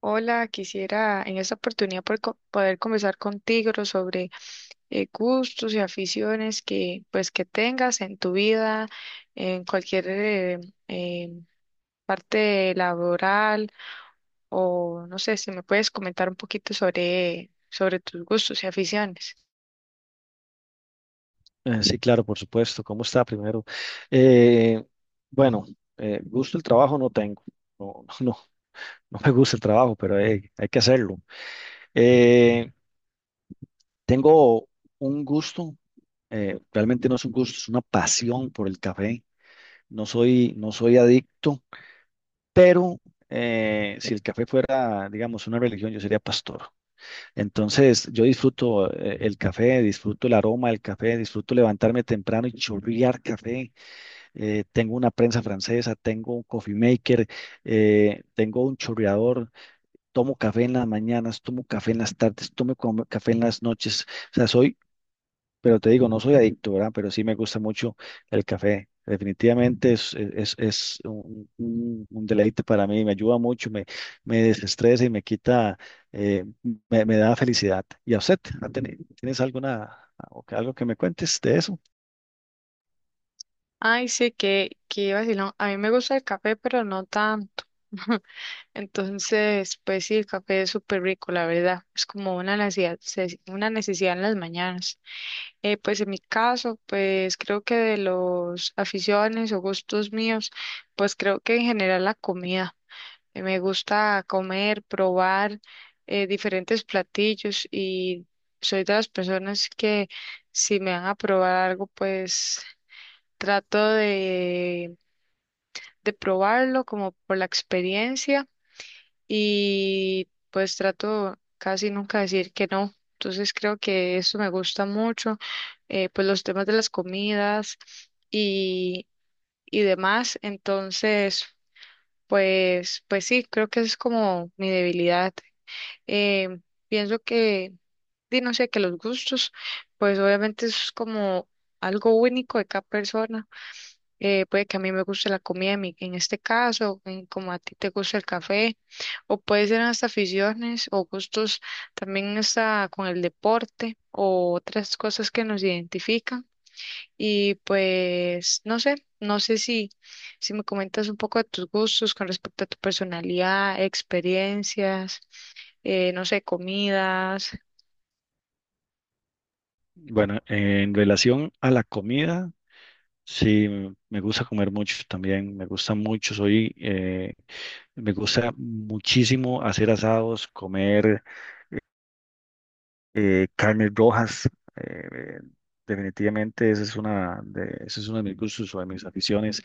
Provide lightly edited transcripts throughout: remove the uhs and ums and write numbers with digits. Hola, quisiera en esta oportunidad poder, poder conversar contigo sobre gustos y aficiones que pues que tengas en tu vida, en cualquier eh, parte laboral, o no sé si me puedes comentar un poquito sobre tus gustos y aficiones. Sí, claro, por supuesto. ¿Cómo está primero? Eh, bueno, gusto el trabajo no tengo. No, no me gusta el trabajo, pero hay que hacerlo. Eh, tengo un gusto, realmente no es un gusto, es una pasión por el café. No soy adicto, pero si el café fuera, digamos, una religión, yo sería pastor. Entonces, yo disfruto el café, disfruto el aroma del café, disfruto levantarme temprano y chorrear café. Tengo una prensa francesa, tengo un coffee maker, tengo un chorreador, tomo café en las mañanas, tomo café en las tardes, café en las noches. O sea, soy, pero te digo, no soy adicto, ¿verdad? Pero sí me gusta mucho el café. Definitivamente es un, un deleite para mí, me ayuda mucho, me desestresa y me quita, eh, me da felicidad. ¿Y a usted? ¿Tienes alguna, algo que me cuentes de eso? Ay, sí, que vacilón. A mí me gusta el café, pero no tanto. Entonces, pues sí, el café es súper rico, la verdad. Es como una necesidad en las mañanas. Pues en mi caso, pues creo que de los aficiones o gustos míos, pues creo que en general la comida. Me gusta comer, probar diferentes platillos, y soy de las personas que, si me van a probar algo, pues trato de probarlo como por la experiencia, y pues trato casi nunca de decir que no. Entonces creo que eso me gusta mucho, pues los temas de las comidas y, y demás. Entonces, pues, pues sí, creo que esa es como mi debilidad. Eh, Pienso que, di, no sé, que los gustos, pues obviamente eso es como algo único de cada persona. Puede que a mí me guste la comida en, en este caso, en como a ti te gusta el café, o puede ser hasta aficiones o gustos también hasta con el deporte o otras cosas que nos identifican. Y pues no sé, no sé si, si me comentas un poco de tus gustos con respecto a tu personalidad, experiencias, no sé, comidas. Bueno, en relación a la comida. Sí, me gusta comer mucho también, me gusta mucho, me gusta muchísimo hacer asados, comer carnes rojas, eh, eh, definitivamente esa es una de, ese es uno de mis gustos o de mis aficiones.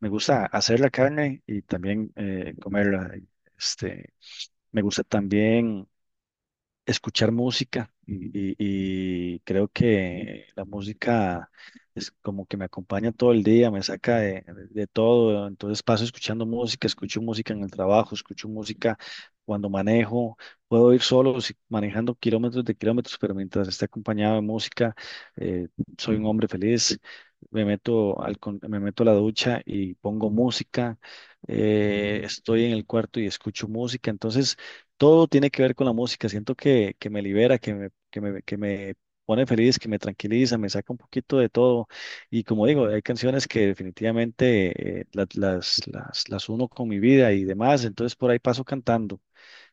Me gusta hacer la carne y también comerla. Este, me gusta también escuchar música y creo que la música es como que me acompaña todo el día, me saca de todo, entonces paso escuchando música, escucho música en el trabajo, escucho música cuando manejo, puedo ir solo si- manejando kilómetros de kilómetros, pero mientras esté acompañado de música, eh, soy un hombre feliz. Me meto a la ducha y pongo música, estoy en el cuarto y escucho música, entonces todo tiene que ver con la música. Siento que me libera, que me pone feliz, que me tranquiliza, me saca un poquito de todo. Y como digo, hay canciones que definitivamente las uno con mi vida y demás. Entonces por ahí paso cantando.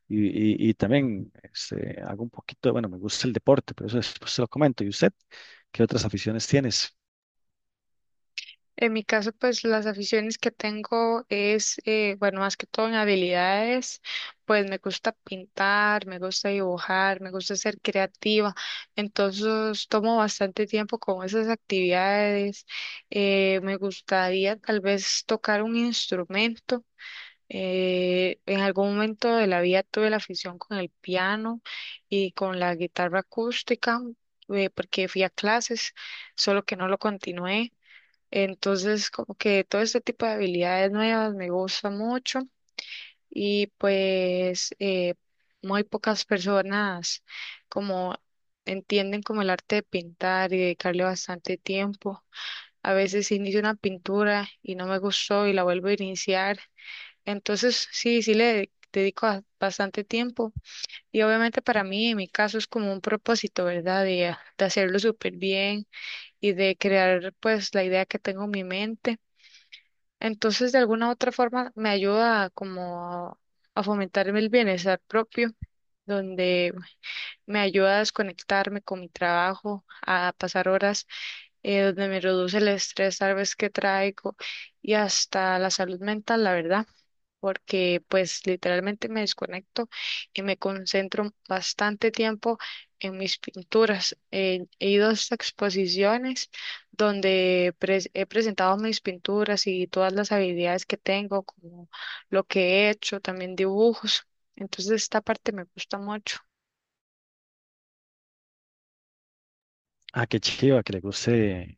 Y, y también este, hago un poquito, de- bueno, me gusta el deporte, pero eso después se lo comento. ¿Y usted qué otras aficiones tienes? En mi caso, pues las aficiones que tengo es, bueno, más que todo en habilidades, pues me gusta pintar, me gusta dibujar, me gusta ser creativa, entonces tomo bastante tiempo con esas actividades. Me gustaría tal vez tocar un instrumento. En algún momento de la vida tuve la afición con el piano y con la guitarra acústica, porque fui a clases, solo que no lo continué. Entonces, como que todo este tipo de habilidades nuevas me gusta mucho, y pues muy pocas personas como entienden como el arte de pintar y dedicarle bastante tiempo. A veces inicio una pintura y no me gustó y la vuelvo a iniciar. Entonces, sí, sí le dedico bastante tiempo, y obviamente para mí, en mi caso, es como un propósito, ¿verdad? De hacerlo súper bien y de crear pues la idea que tengo en mi mente. Entonces, de alguna u otra forma, me ayuda como a, a fomentarme el bienestar propio, donde me ayuda a desconectarme con mi trabajo, a pasar horas, donde me reduce el estrés tal vez que traigo y hasta la salud mental, la verdad, porque pues literalmente me desconecto y me concentro bastante tiempo en mis pinturas. He ido a estas exposiciones donde he presentado mis pinturas y todas las habilidades que tengo, como lo que he hecho, también dibujos. Entonces esta parte me gusta mucho. Ah, qué chiva, que le guste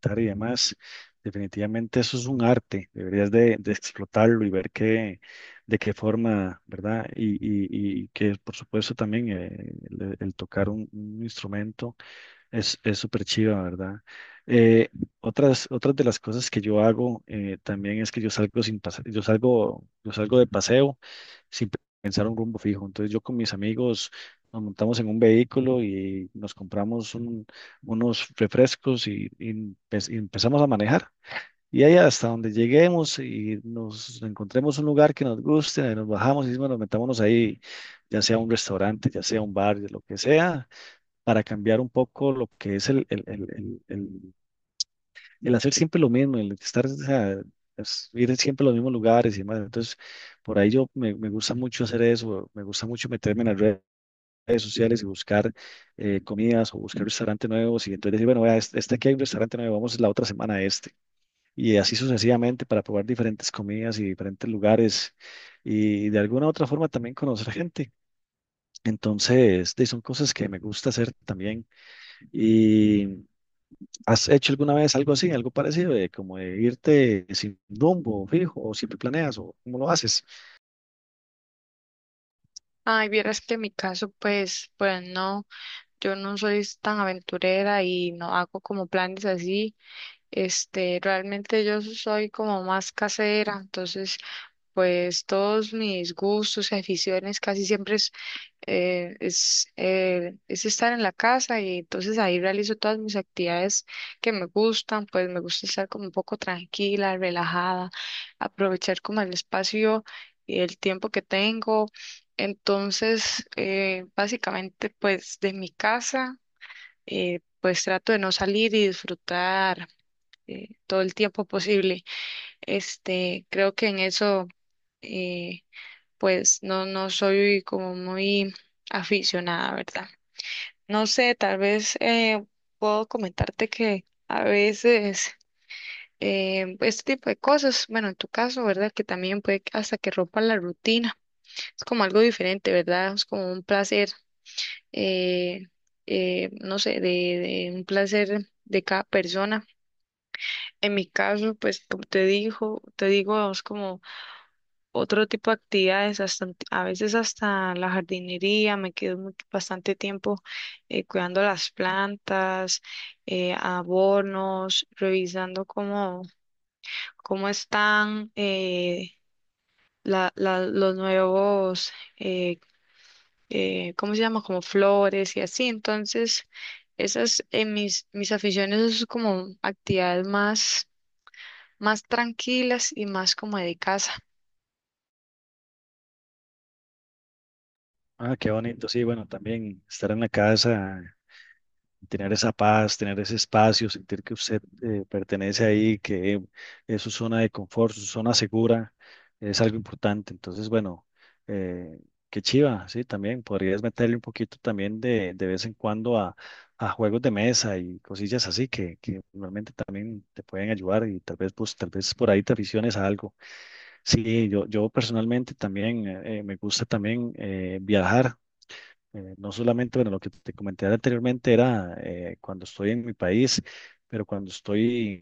pintar y demás. Definitivamente eso es un arte, deberías de explotarlo y ver qué, de qué forma, ¿verdad? Y que por supuesto también el tocar un instrumento es súper chiva, ¿verdad? Eh, Otras de las cosas que yo hago también es que yo salgo de paseo sin pensar un rumbo fijo. Entonces yo con mis amigos nos montamos en un vehículo unos refrescos y, y empezamos a manejar. Y ahí hasta donde lleguemos y nos encontremos un lugar que nos guste, nos bajamos y bueno, metámonos ahí, ya sea un restaurante, ya sea un bar, lo que sea para cambiar un poco lo que es el hacer siempre lo mismo, el estar, o sea, es ir siempre a los mismos lugares y demás. Entonces, por ahí yo me gusta mucho hacer eso, me gusta mucho meterme en las redes sociales y buscar comidas o buscar restaurantes nuevos y entonces decir, bueno, vea, este aquí hay un restaurante nuevo, vamos la otra semana a este y así sucesivamente para probar diferentes comidas y diferentes lugares y de alguna u otra forma también conocer gente. Entonces, son cosas que me gusta hacer también. Y, ¿has hecho alguna vez algo así, algo parecido, de como de irte sin rumbo fijo o siempre planeas o cómo lo haces? Ay, vieras que en mi caso, pues, pues no, yo no soy tan aventurera y no hago como planes así. Este, realmente yo soy como más casera, entonces pues todos mis gustos y aficiones casi siempre es, es estar en la casa, y entonces ahí realizo todas mis actividades que me gustan. Pues me gusta estar como un poco tranquila, relajada, aprovechar como el espacio y el tiempo que tengo. Entonces, básicamente pues de mi casa, pues trato de no salir y disfrutar todo el tiempo posible. Este, creo que en eso, eh, pues no, no soy como muy aficionada, ¿verdad? No sé, tal vez puedo comentarte que a veces este tipo de cosas, bueno, en tu caso, ¿verdad? Que también puede que- hasta que rompa la rutina. Es como algo diferente, ¿verdad? Es como un placer, eh, no sé, de un placer de cada persona. En mi caso, pues como te dijo, te digo, es como otro tipo de actividades, hasta, a veces hasta la jardinería, me quedo bastante tiempo cuidando las plantas, abonos, revisando cómo, cómo están los nuevos, eh, ¿cómo se llama? Como flores y así. Entonces, esas mis, mis aficiones son como actividades más, más tranquilas y más como de casa. Ah, qué bonito, sí, bueno, también estar en la casa, tener esa paz, tener ese espacio, sentir que usted pertenece ahí, que es su zona de confort, su zona segura, es algo importante. Entonces, bueno, eh, qué chiva, sí, también podrías meterle un poquito también de vez en cuando a juegos de mesa y cosillas así que realmente también te pueden ayudar y tal vez, pues, tal vez por ahí te aficiones a algo. Sí, yo personalmente también me gusta también viajar. No solamente, bueno, lo que te comenté anteriormente era cuando estoy en mi país, pero cuando estoy,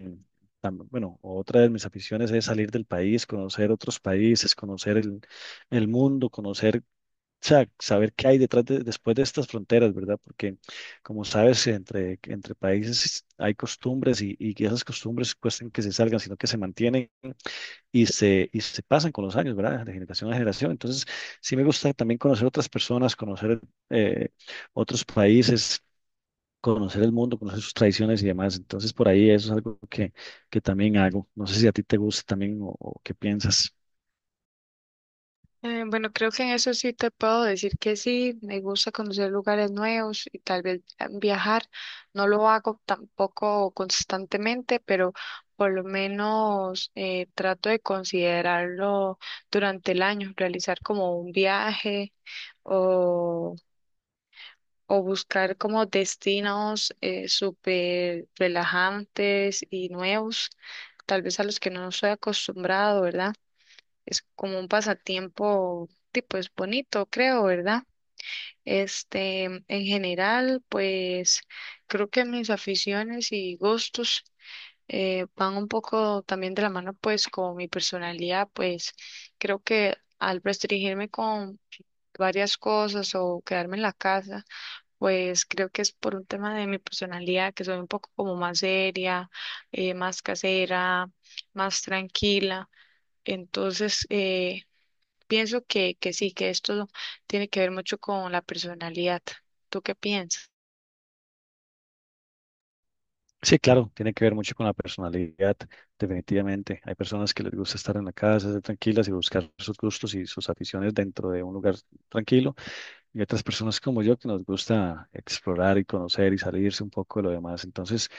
bueno, otra de mis aficiones es salir del país, conocer otros países, conocer el mundo, conocer, o sea, saber qué hay detrás de, después de estas fronteras, ¿verdad? Porque, como sabes, entre países hay costumbres y que esas costumbres cuestan que se salgan, sino que se mantienen y se pasan con los años, ¿verdad? De generación a generación. Entonces, sí me gusta también conocer otras personas, conocer eh, otros países, conocer el mundo, conocer sus tradiciones y demás. Entonces, por ahí eso es algo que también hago. No sé si a ti te gusta también o qué piensas. Bueno, creo que en eso sí te puedo decir que sí, me gusta conocer lugares nuevos y tal vez viajar. No lo hago tampoco constantemente, pero por lo menos trato de considerarlo durante el año, realizar como un viaje o, o buscar como destinos súper relajantes y nuevos, tal vez a los que no soy acostumbrado, ¿verdad? Es como un pasatiempo, tipo, pues bonito, creo, ¿verdad? Este, en general, pues creo que mis aficiones y gustos van un poco también de la mano, pues con mi personalidad. Pues creo que al restringirme con varias cosas o quedarme en la casa, pues creo que es por un tema de mi personalidad, que soy un poco como más seria, más casera, más tranquila. Entonces, pienso que sí, que esto tiene que ver mucho con la personalidad. ¿Tú qué piensas? Sí, claro, tiene que ver mucho con la personalidad, definitivamente. Hay personas que les gusta estar en la casa, ser tranquilas y buscar sus gustos y sus aficiones dentro de un lugar tranquilo. Y otras personas como yo que nos gusta explorar y conocer y salirse un poco de lo demás. Entonces,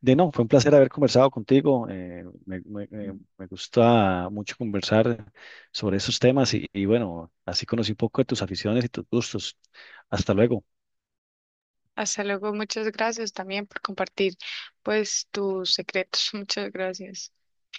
de no, fue un placer haber conversado contigo. Me gusta mucho conversar sobre esos temas y bueno, así conocí un poco de tus aficiones y tus gustos. Hasta luego. Hasta luego, muchas gracias también por compartir pues tus secretos. Muchas gracias.